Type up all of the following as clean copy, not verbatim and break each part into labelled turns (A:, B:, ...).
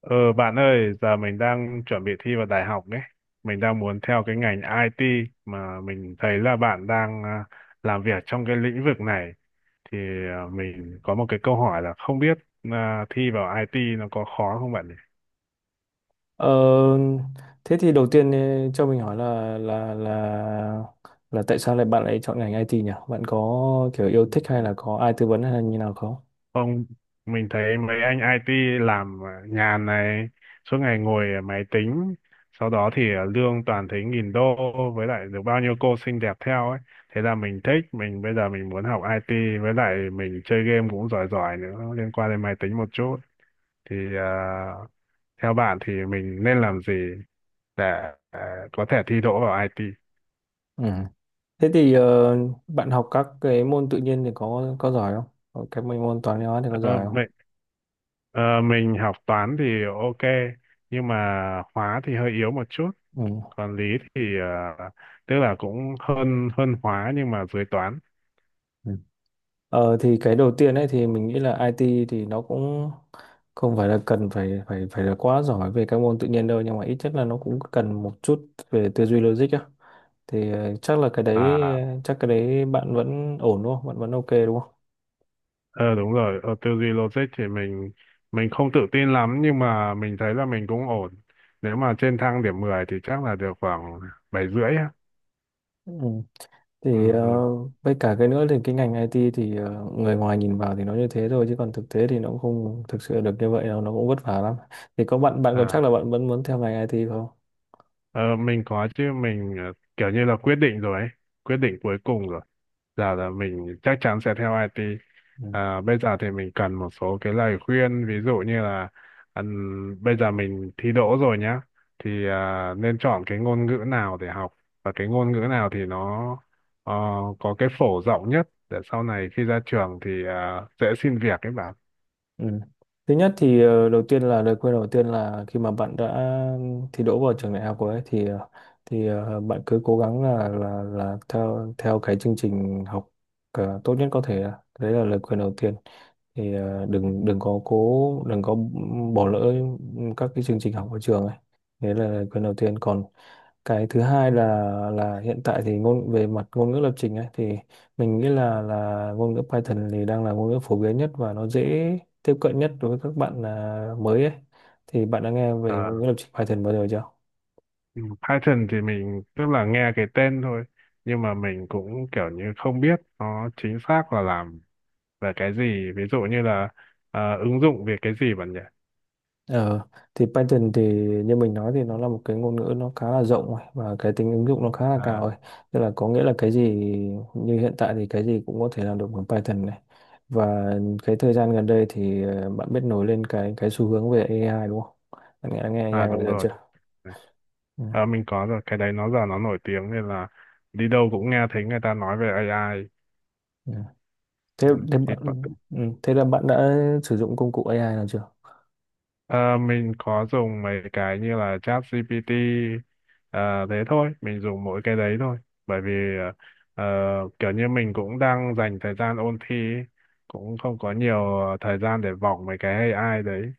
A: Ờ Bạn ơi, giờ mình đang chuẩn bị thi vào đại học đấy. Mình đang muốn theo cái ngành IT mà mình thấy là bạn đang làm việc trong cái lĩnh vực này. Thì mình có một cái câu hỏi là không biết thi vào IT nó có khó không bạn nhỉ?
B: Ờ, Thế thì đầu tiên cho mình hỏi là là là tại sao lại bạn lại chọn ngành IT nhỉ? Bạn có kiểu yêu thích hay là có ai tư vấn hay là như nào không?
A: Không, mình thấy mấy anh IT làm nhàn này, suốt ngày ngồi ở máy tính, sau đó thì lương toàn thấy nghìn đô với lại được bao nhiêu cô xinh đẹp theo ấy. Thế là mình thích, mình bây giờ mình muốn học IT với lại mình chơi game cũng giỏi giỏi nữa, liên quan đến máy tính một chút. Thì theo bạn thì mình nên làm gì để có thể thi đỗ vào IT?
B: Ừ. Thế thì bạn học các cái môn tự nhiên thì có giỏi không? Có cái mấy môn toán lý hóa thì có
A: Ờ,
B: giỏi không?
A: mình, ờ, mình học toán thì ok, nhưng mà hóa thì hơi yếu một chút.
B: Ừ.
A: Còn lý thì tức là cũng hơn hơn hóa nhưng mà dưới toán.
B: Ừ. Thì cái đầu tiên ấy thì mình nghĩ là IT thì nó cũng không phải là cần phải phải phải là quá giỏi về các môn tự nhiên đâu, nhưng mà ít nhất là nó cũng cần một chút về tư duy logic á. Thì chắc là cái đấy
A: À,
B: chắc cái đấy bạn vẫn ổn đúng không? Bạn vẫn ok đúng không?
A: ờ, đúng rồi, ở tư duy logic thì mình không tự tin lắm, nhưng mà mình thấy là mình cũng ổn. Nếu mà trên thang điểm 10 thì chắc là được khoảng bảy rưỡi á.
B: Ừ.
A: Ừ,
B: Thì
A: ừ,
B: với cả cái nữa thì cái ngành IT thì người ngoài nhìn vào thì nó như thế thôi, chứ còn thực tế thì nó cũng không thực sự được như vậy đâu, nó cũng vất vả lắm. Thì có bạn bạn còn
A: à.
B: chắc là bạn vẫn muốn theo ngành IT không?
A: Ờ, mình có chứ, mình kiểu như là quyết định rồi ấy, quyết định cuối cùng rồi. Giờ là mình chắc chắn sẽ theo IT.
B: Ừ.
A: À, bây giờ thì mình cần một số cái lời khuyên, ví dụ như là bây giờ mình thi đỗ rồi nhá, thì nên chọn cái ngôn ngữ nào để học, và cái ngôn ngữ nào thì nó ờ, có cái phổ rộng nhất để sau này khi ra trường thì dễ xin việc ấy bạn.
B: Ừ. Thứ nhất thì đầu tiên là lời khuyên đầu tiên là khi mà bạn đã thi đỗ vào trường đại học rồi ấy, bạn cứ cố gắng là là theo theo cái chương trình học tốt nhất có thể. Đấy là lời khuyên đầu tiên. Thì ờ, đừng đừng có cố đừng có bỏ lỡ các cái chương trình học ở trường ấy. Đấy là lời khuyên đầu tiên. Còn cái thứ hai là hiện tại thì về mặt ngôn ngữ lập trình ấy thì mình nghĩ là ngôn ngữ Python thì đang là ngôn ngữ phổ biến nhất và nó dễ tiếp cận nhất đối với các bạn mới ấy. Thì bạn đã nghe về
A: Ờ.
B: ngôn ngữ lập trình Python bao giờ chưa?
A: Ừ, Python thì mình tức là nghe cái tên thôi, nhưng mà mình cũng kiểu như không biết nó chính xác là làm về cái gì, ví dụ như là ứng dụng về cái gì bạn nhỉ.
B: Ờ, thì Python thì, như mình nói, thì nó là một cái ngôn ngữ nó khá là rộng rồi và cái tính ứng dụng nó khá là cao rồi.
A: à
B: Tức là có nghĩa là cái gì như hiện tại thì cái gì cũng có thể làm được bằng Python này. Và cái thời gian gần đây thì bạn biết nổi lên cái xu hướng về AI đúng không? Bạn nghe
A: à
B: AI bao
A: đúng
B: giờ
A: rồi.
B: chưa? Ừ,
A: Ờ, mình có rồi, cái đấy nó giờ nó nổi tiếng nên là đi đâu cũng nghe thấy người ta nói về AI.
B: ừ. Thế,
A: Ừ,
B: thế
A: thì.
B: bạn ừ, thế là bạn đã sử dụng công cụ AI nào chưa?
A: Ờ, mình có dùng mấy cái như là ChatGPT, ờ, thế thôi, mình dùng mỗi cái đấy thôi. Bởi vì ờ, kiểu như mình cũng đang dành thời gian ôn thi ấy, cũng không có nhiều thời gian để vòng mấy cái AI đấy.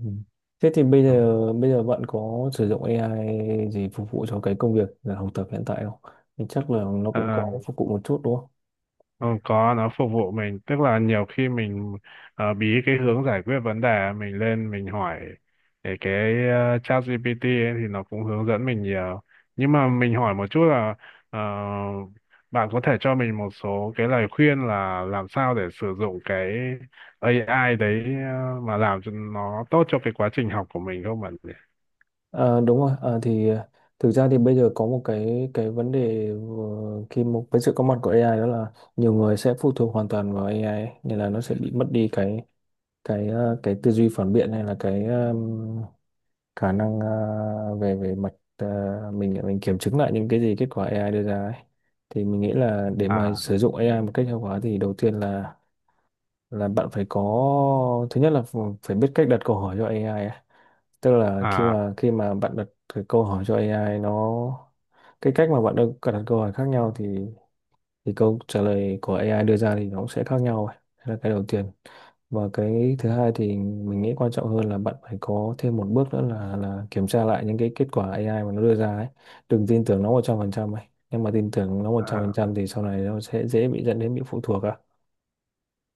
B: Ừ. Thế thì bây giờ bạn có sử dụng AI gì phục vụ cho cái công việc là học tập hiện tại không? Thì chắc là nó cũng
A: Ờ,
B: có phục vụ một chút đúng không?
A: ừ, có, nó phục vụ mình, tức là nhiều khi mình bí cái hướng giải quyết vấn đề, mình lên mình hỏi để cái chat GPT ấy, thì nó cũng hướng dẫn mình nhiều, nhưng mà mình hỏi một chút là ờ, bạn có thể cho mình một số cái lời khuyên là làm sao để sử dụng cái AI đấy mà làm cho nó tốt cho cái quá trình học của mình không bạn nhỉ?
B: À, đúng rồi. Thực ra thì bây giờ có một cái vấn đề vừa- khi một với sự có mặt của AI, đó là nhiều người sẽ phụ thuộc hoàn toàn vào AI ấy, nên là nó sẽ bị mất đi cái cái tư duy phản biện, hay là cái khả năng về về mặt mình kiểm chứng lại những cái gì kết quả AI đưa ra ấy. Thì mình nghĩ là để mà
A: À,
B: sử dụng AI một cách hiệu quả thì đầu tiên là bạn phải có, thứ nhất là phải biết cách đặt câu hỏi cho AI ấy. Tức là khi
A: à,
B: mà khi mà bạn đặt cái câu hỏi cho AI, cái cách mà bạn đặt đặt câu hỏi khác nhau thì câu trả lời của AI đưa ra thì nó cũng sẽ khác nhau ấy. Đấy là cái đầu tiên. Và cái thứ hai thì mình nghĩ quan trọng hơn là bạn phải có thêm một bước nữa là kiểm tra lại những cái kết quả AI mà nó đưa ra ấy, đừng tin tưởng nó 100% ấy. Nhưng mà tin tưởng nó một trăm phần
A: à,
B: trăm thì sau này nó sẽ dễ bị dẫn đến bị phụ thuộc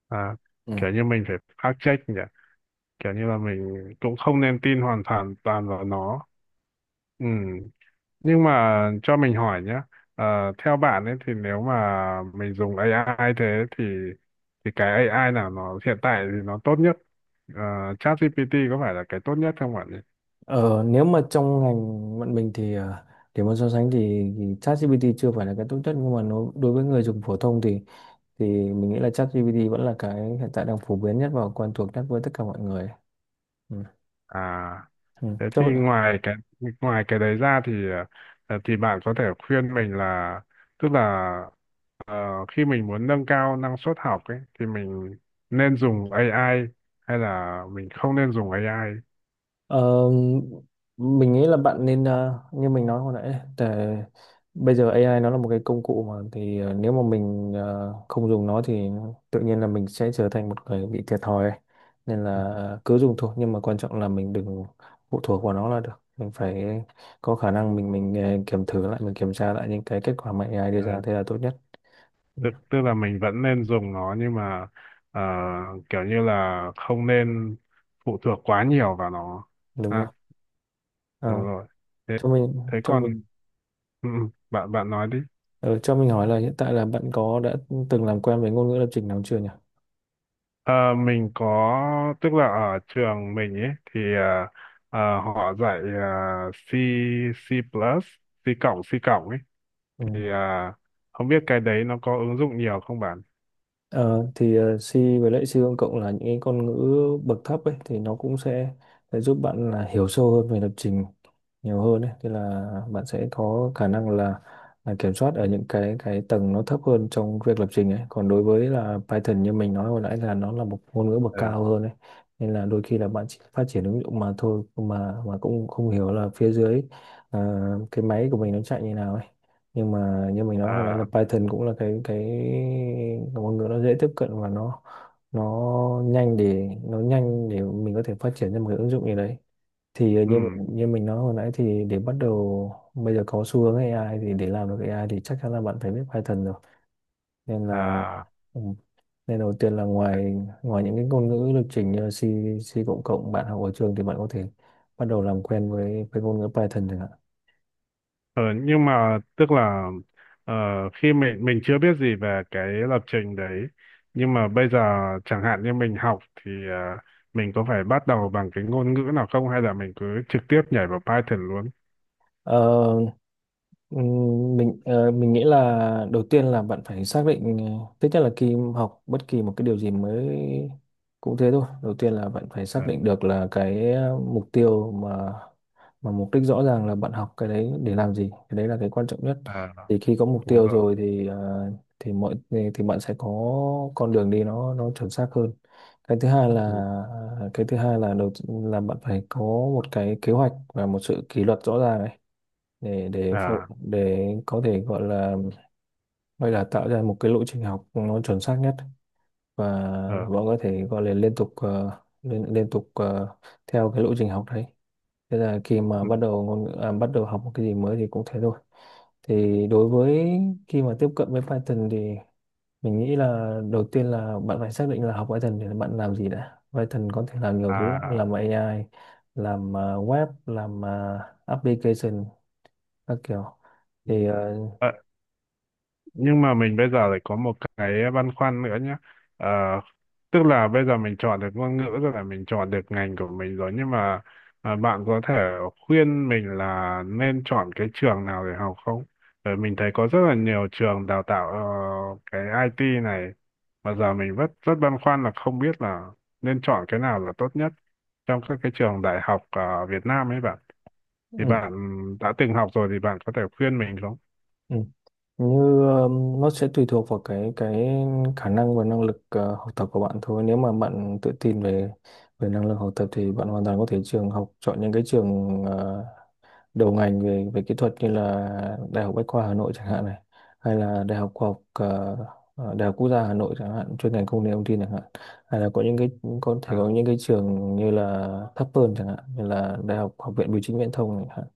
A: à.
B: ừ.
A: Kiểu như mình phải fact check nhỉ, kiểu như là mình cũng không nên tin hoàn toàn toàn vào nó. Ừ. Nhưng mà cho mình hỏi nhé, theo bạn ấy thì nếu mà mình dùng AI, thế thì cái AI nào nó hiện tại thì nó tốt nhất? Ờ, ChatGPT có phải là cái tốt nhất không bạn nhỉ?
B: Ờ, nếu mà trong ngành bọn mình thì để mà so sánh thì, ChatGPT chưa phải là cái tốt nhất, nhưng mà nó đối với người dùng phổ thông thì thì mình nghĩ là ChatGPT vẫn là cái hiện tại đang phổ biến nhất và quen thuộc nhất với tất cả mọi người. Ừ.
A: À,
B: Ừ.
A: thế
B: Thế
A: thì
B: bạn-
A: ngoài cái, ngoài cái đấy ra thì thì bạn có thể khuyên mình là, tức là, ờ, khi mình muốn nâng cao năng suất học ấy thì mình nên dùng AI hay là mình không nên dùng AI?
B: ờ, mình nghĩ là bạn nên, như mình nói hồi nãy đấy, để bây giờ AI nó là một cái công cụ mà thì nếu mà mình không dùng nó thì tự nhiên là mình sẽ trở thành một người bị thiệt thòi ấy. Nên là cứ dùng thôi, nhưng mà quan trọng là mình đừng phụ thuộc vào nó là được. Mình phải có khả năng kiểm thử lại mình kiểm tra lại những cái kết quả mà AI đưa
A: Ờ,
B: ra, thế là tốt nhất. Ừ.
A: tức tức là mình vẫn nên dùng nó, nhưng mà ờ, kiểu như là không nên phụ thuộc quá nhiều vào nó.
B: Đúng
A: À,
B: không?
A: đúng
B: Ờ,
A: rồi. Thế,
B: cho mình cho
A: còn.
B: mình
A: Ừ, ừ, bạn bạn nói đi.
B: Ờ, cho mình hỏi là hiện tại là bạn có đã từng làm quen với ngôn ngữ lập trình nào chưa nhỉ?
A: Ờ, mình có, tức là ở trường mình ấy thì họ dạy C C plus C cộng ấy,
B: Ừ.
A: thì không biết cái đấy nó có ứng dụng nhiều không bạn.
B: C với lại C công cộng là những cái ngôn ngữ bậc thấp ấy, thì nó cũng sẽ giúp bạn là hiểu sâu hơn về lập trình nhiều hơn ấy, tức là bạn sẽ có khả năng là kiểm soát ở những cái tầng nó thấp hơn trong việc lập trình ấy. Còn đối với là Python, như mình nói hồi nãy, là nó là một ngôn ngữ bậc
A: Ờ.
B: cao hơn ấy, nên là đôi khi là bạn chỉ phát triển ứng dụng mà thôi, mà cũng không hiểu là phía dưới ờ, cái máy của mình nó chạy như nào ấy. Nhưng mà như mình nói hồi nãy là
A: À.
B: Python cũng là cái ngôn ngữ nó dễ tiếp cận và nó nhanh, để mình có thể phát triển ra một cái ứng dụng gì đấy. Thì
A: Ừ.
B: như như mình nói hồi nãy thì để bắt đầu bây giờ có xu hướng AI thì để làm được AI thì chắc chắn là bạn phải biết Python rồi, nên là
A: À.
B: ừ, nên đầu tiên là ngoài ngoài những cái ngôn ngữ lập trình như là C, C cộng cộng bạn học ở trường thì bạn có thể bắt đầu làm quen với ngôn ngữ Python chẳng hạn.
A: ờ, nhưng mà tức là, ờ, khi mình chưa biết gì về cái lập trình đấy, nhưng mà bây giờ chẳng hạn như mình học thì mình có phải bắt đầu bằng cái ngôn ngữ nào không, hay là mình cứ trực tiếp nhảy vào Python luôn?
B: Ờ, mình nghĩ là đầu tiên là bạn phải xác định, thứ nhất là khi học bất kỳ một cái điều gì mới cũng thế thôi. Đầu tiên là bạn phải
A: Ờ.
B: xác định được là cái mục tiêu mà mục đích rõ ràng là bạn học cái đấy để làm gì, cái đấy là cái quan trọng nhất.
A: À,
B: Thì khi có mục
A: đúng
B: tiêu
A: rồi.
B: rồi thì ờ, thì mọi thì bạn sẽ có con đường đi nó chuẩn xác hơn. cái thứ hai là
A: Ừ.
B: ờ, cái thứ hai là là bạn phải có một cái kế hoạch và một sự kỷ luật rõ ràng để để phô-
A: À.
B: để có thể gọi là tạo ra một cái lộ trình học nó chuẩn xác nhất, và
A: Ờ.
B: bọn có thể gọi là liên tục theo cái lộ trình học đấy. Thế là khi mà
A: Ừ.
B: bắt đầu bắt đầu học một cái gì mới thì cũng thế thôi. Thì đối với khi mà tiếp cận với Python thì mình nghĩ là đầu tiên là bạn phải xác định là học Python để bạn làm gì đã. Python có thể làm nhiều thứ lắm,
A: À.
B: làm AI, làm web, làm application, các kiểu thì
A: Ừ. Nhưng mà mình bây giờ lại có một cái băn khoăn nữa nhé. Ờ, tức là bây giờ mình chọn được ngôn ngữ rồi, là mình chọn được ngành của mình rồi, nhưng mà bạn có thể khuyên mình là nên chọn cái trường nào để học không, bởi mình thấy có rất là nhiều trường đào tạo cái IT này, mà giờ mình rất rất băn khoăn là không biết là nên chọn cái nào là tốt nhất trong các cái trường đại học ở Việt Nam ấy bạn. Thì
B: ừ.
A: bạn đã từng học rồi thì bạn có thể khuyên mình không?
B: Ừ. như nó sẽ tùy thuộc vào cái khả năng và năng lực học tập của bạn thôi. Nếu mà bạn tự tin về về năng lực học tập thì bạn hoàn toàn có thể trường học chọn những cái trường đầu ngành về về kỹ thuật, như là Đại học Bách khoa Hà Nội chẳng hạn này, hay là Đại học Khoa học ờ, ờ, Đại học Quốc gia Hà Nội chẳng hạn, chuyên ngành công nghệ thông tin chẳng hạn, hay là có thể
A: À,
B: có những cái trường như là thấp hơn chẳng hạn, như là Đại học Học viện Bưu chính Viễn thông chẳng hạn.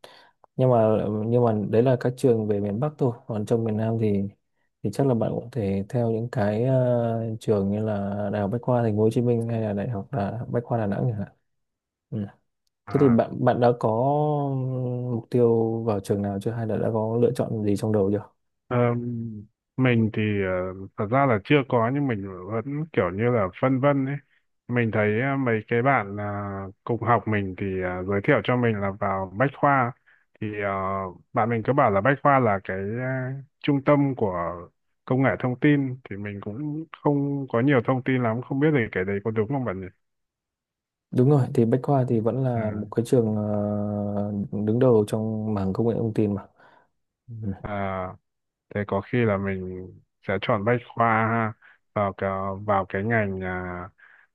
B: Nhưng mà nhưng mà đấy là các trường về miền Bắc thôi, còn trong miền Nam thì chắc là bạn cũng thể theo những cái trường như là Đại học Bách khoa Thành phố Hồ Chí Minh, hay là Bách khoa Đà Nẵng chẳng hạn. Ừ. Thế thì
A: à.
B: bạn bạn đã có mục tiêu vào trường nào chưa, hay là đã có lựa chọn gì trong đầu chưa?
A: Ờ, mình thì thật ra là chưa có, nhưng mình vẫn kiểu như là phân vân ấy. Mình thấy mấy cái bạn cùng học mình thì giới thiệu cho mình là vào Bách Khoa, thì bạn mình cứ bảo là Bách Khoa là cái trung tâm của công nghệ thông tin, thì mình cũng không có nhiều thông tin lắm, không biết thì cái đấy có đúng không bạn nhỉ?
B: Đúng rồi, thì Bách Khoa thì vẫn
A: Ờ.
B: là một cái trường đứng đầu trong mảng công nghệ thông tin mà. Ừ.
A: À, thế có khi là mình sẽ chọn Bách Khoa ha, vào cái, ngành à,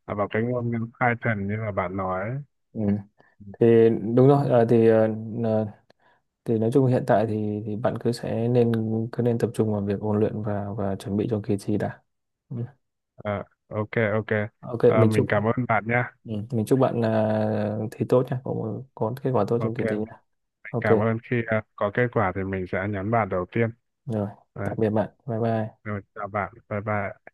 A: à, vào cái ngôn ngữ Python như là bạn nói.
B: Ừ. Thì đúng rồi, ờ, thì nói chung hiện tại thì bạn cứ nên tập trung vào việc ôn luyện và chuẩn bị cho kỳ thi đã. Ừ.
A: Ờ, ok, ok.
B: Ok,
A: Ờ,
B: mình
A: mình
B: chúc
A: cảm ơn bạn nhé.
B: ừ. mình chúc bạn thi tốt nha, có kết quả tốt trong
A: Ok,
B: kỳ thi
A: mình
B: nha. Ok,
A: cảm ơn, khi có kết quả thì mình sẽ nhắn bạn đầu tiên.
B: rồi, tạm
A: Đấy,
B: biệt bạn. Bye bye.
A: rồi chào bạn, bye bye.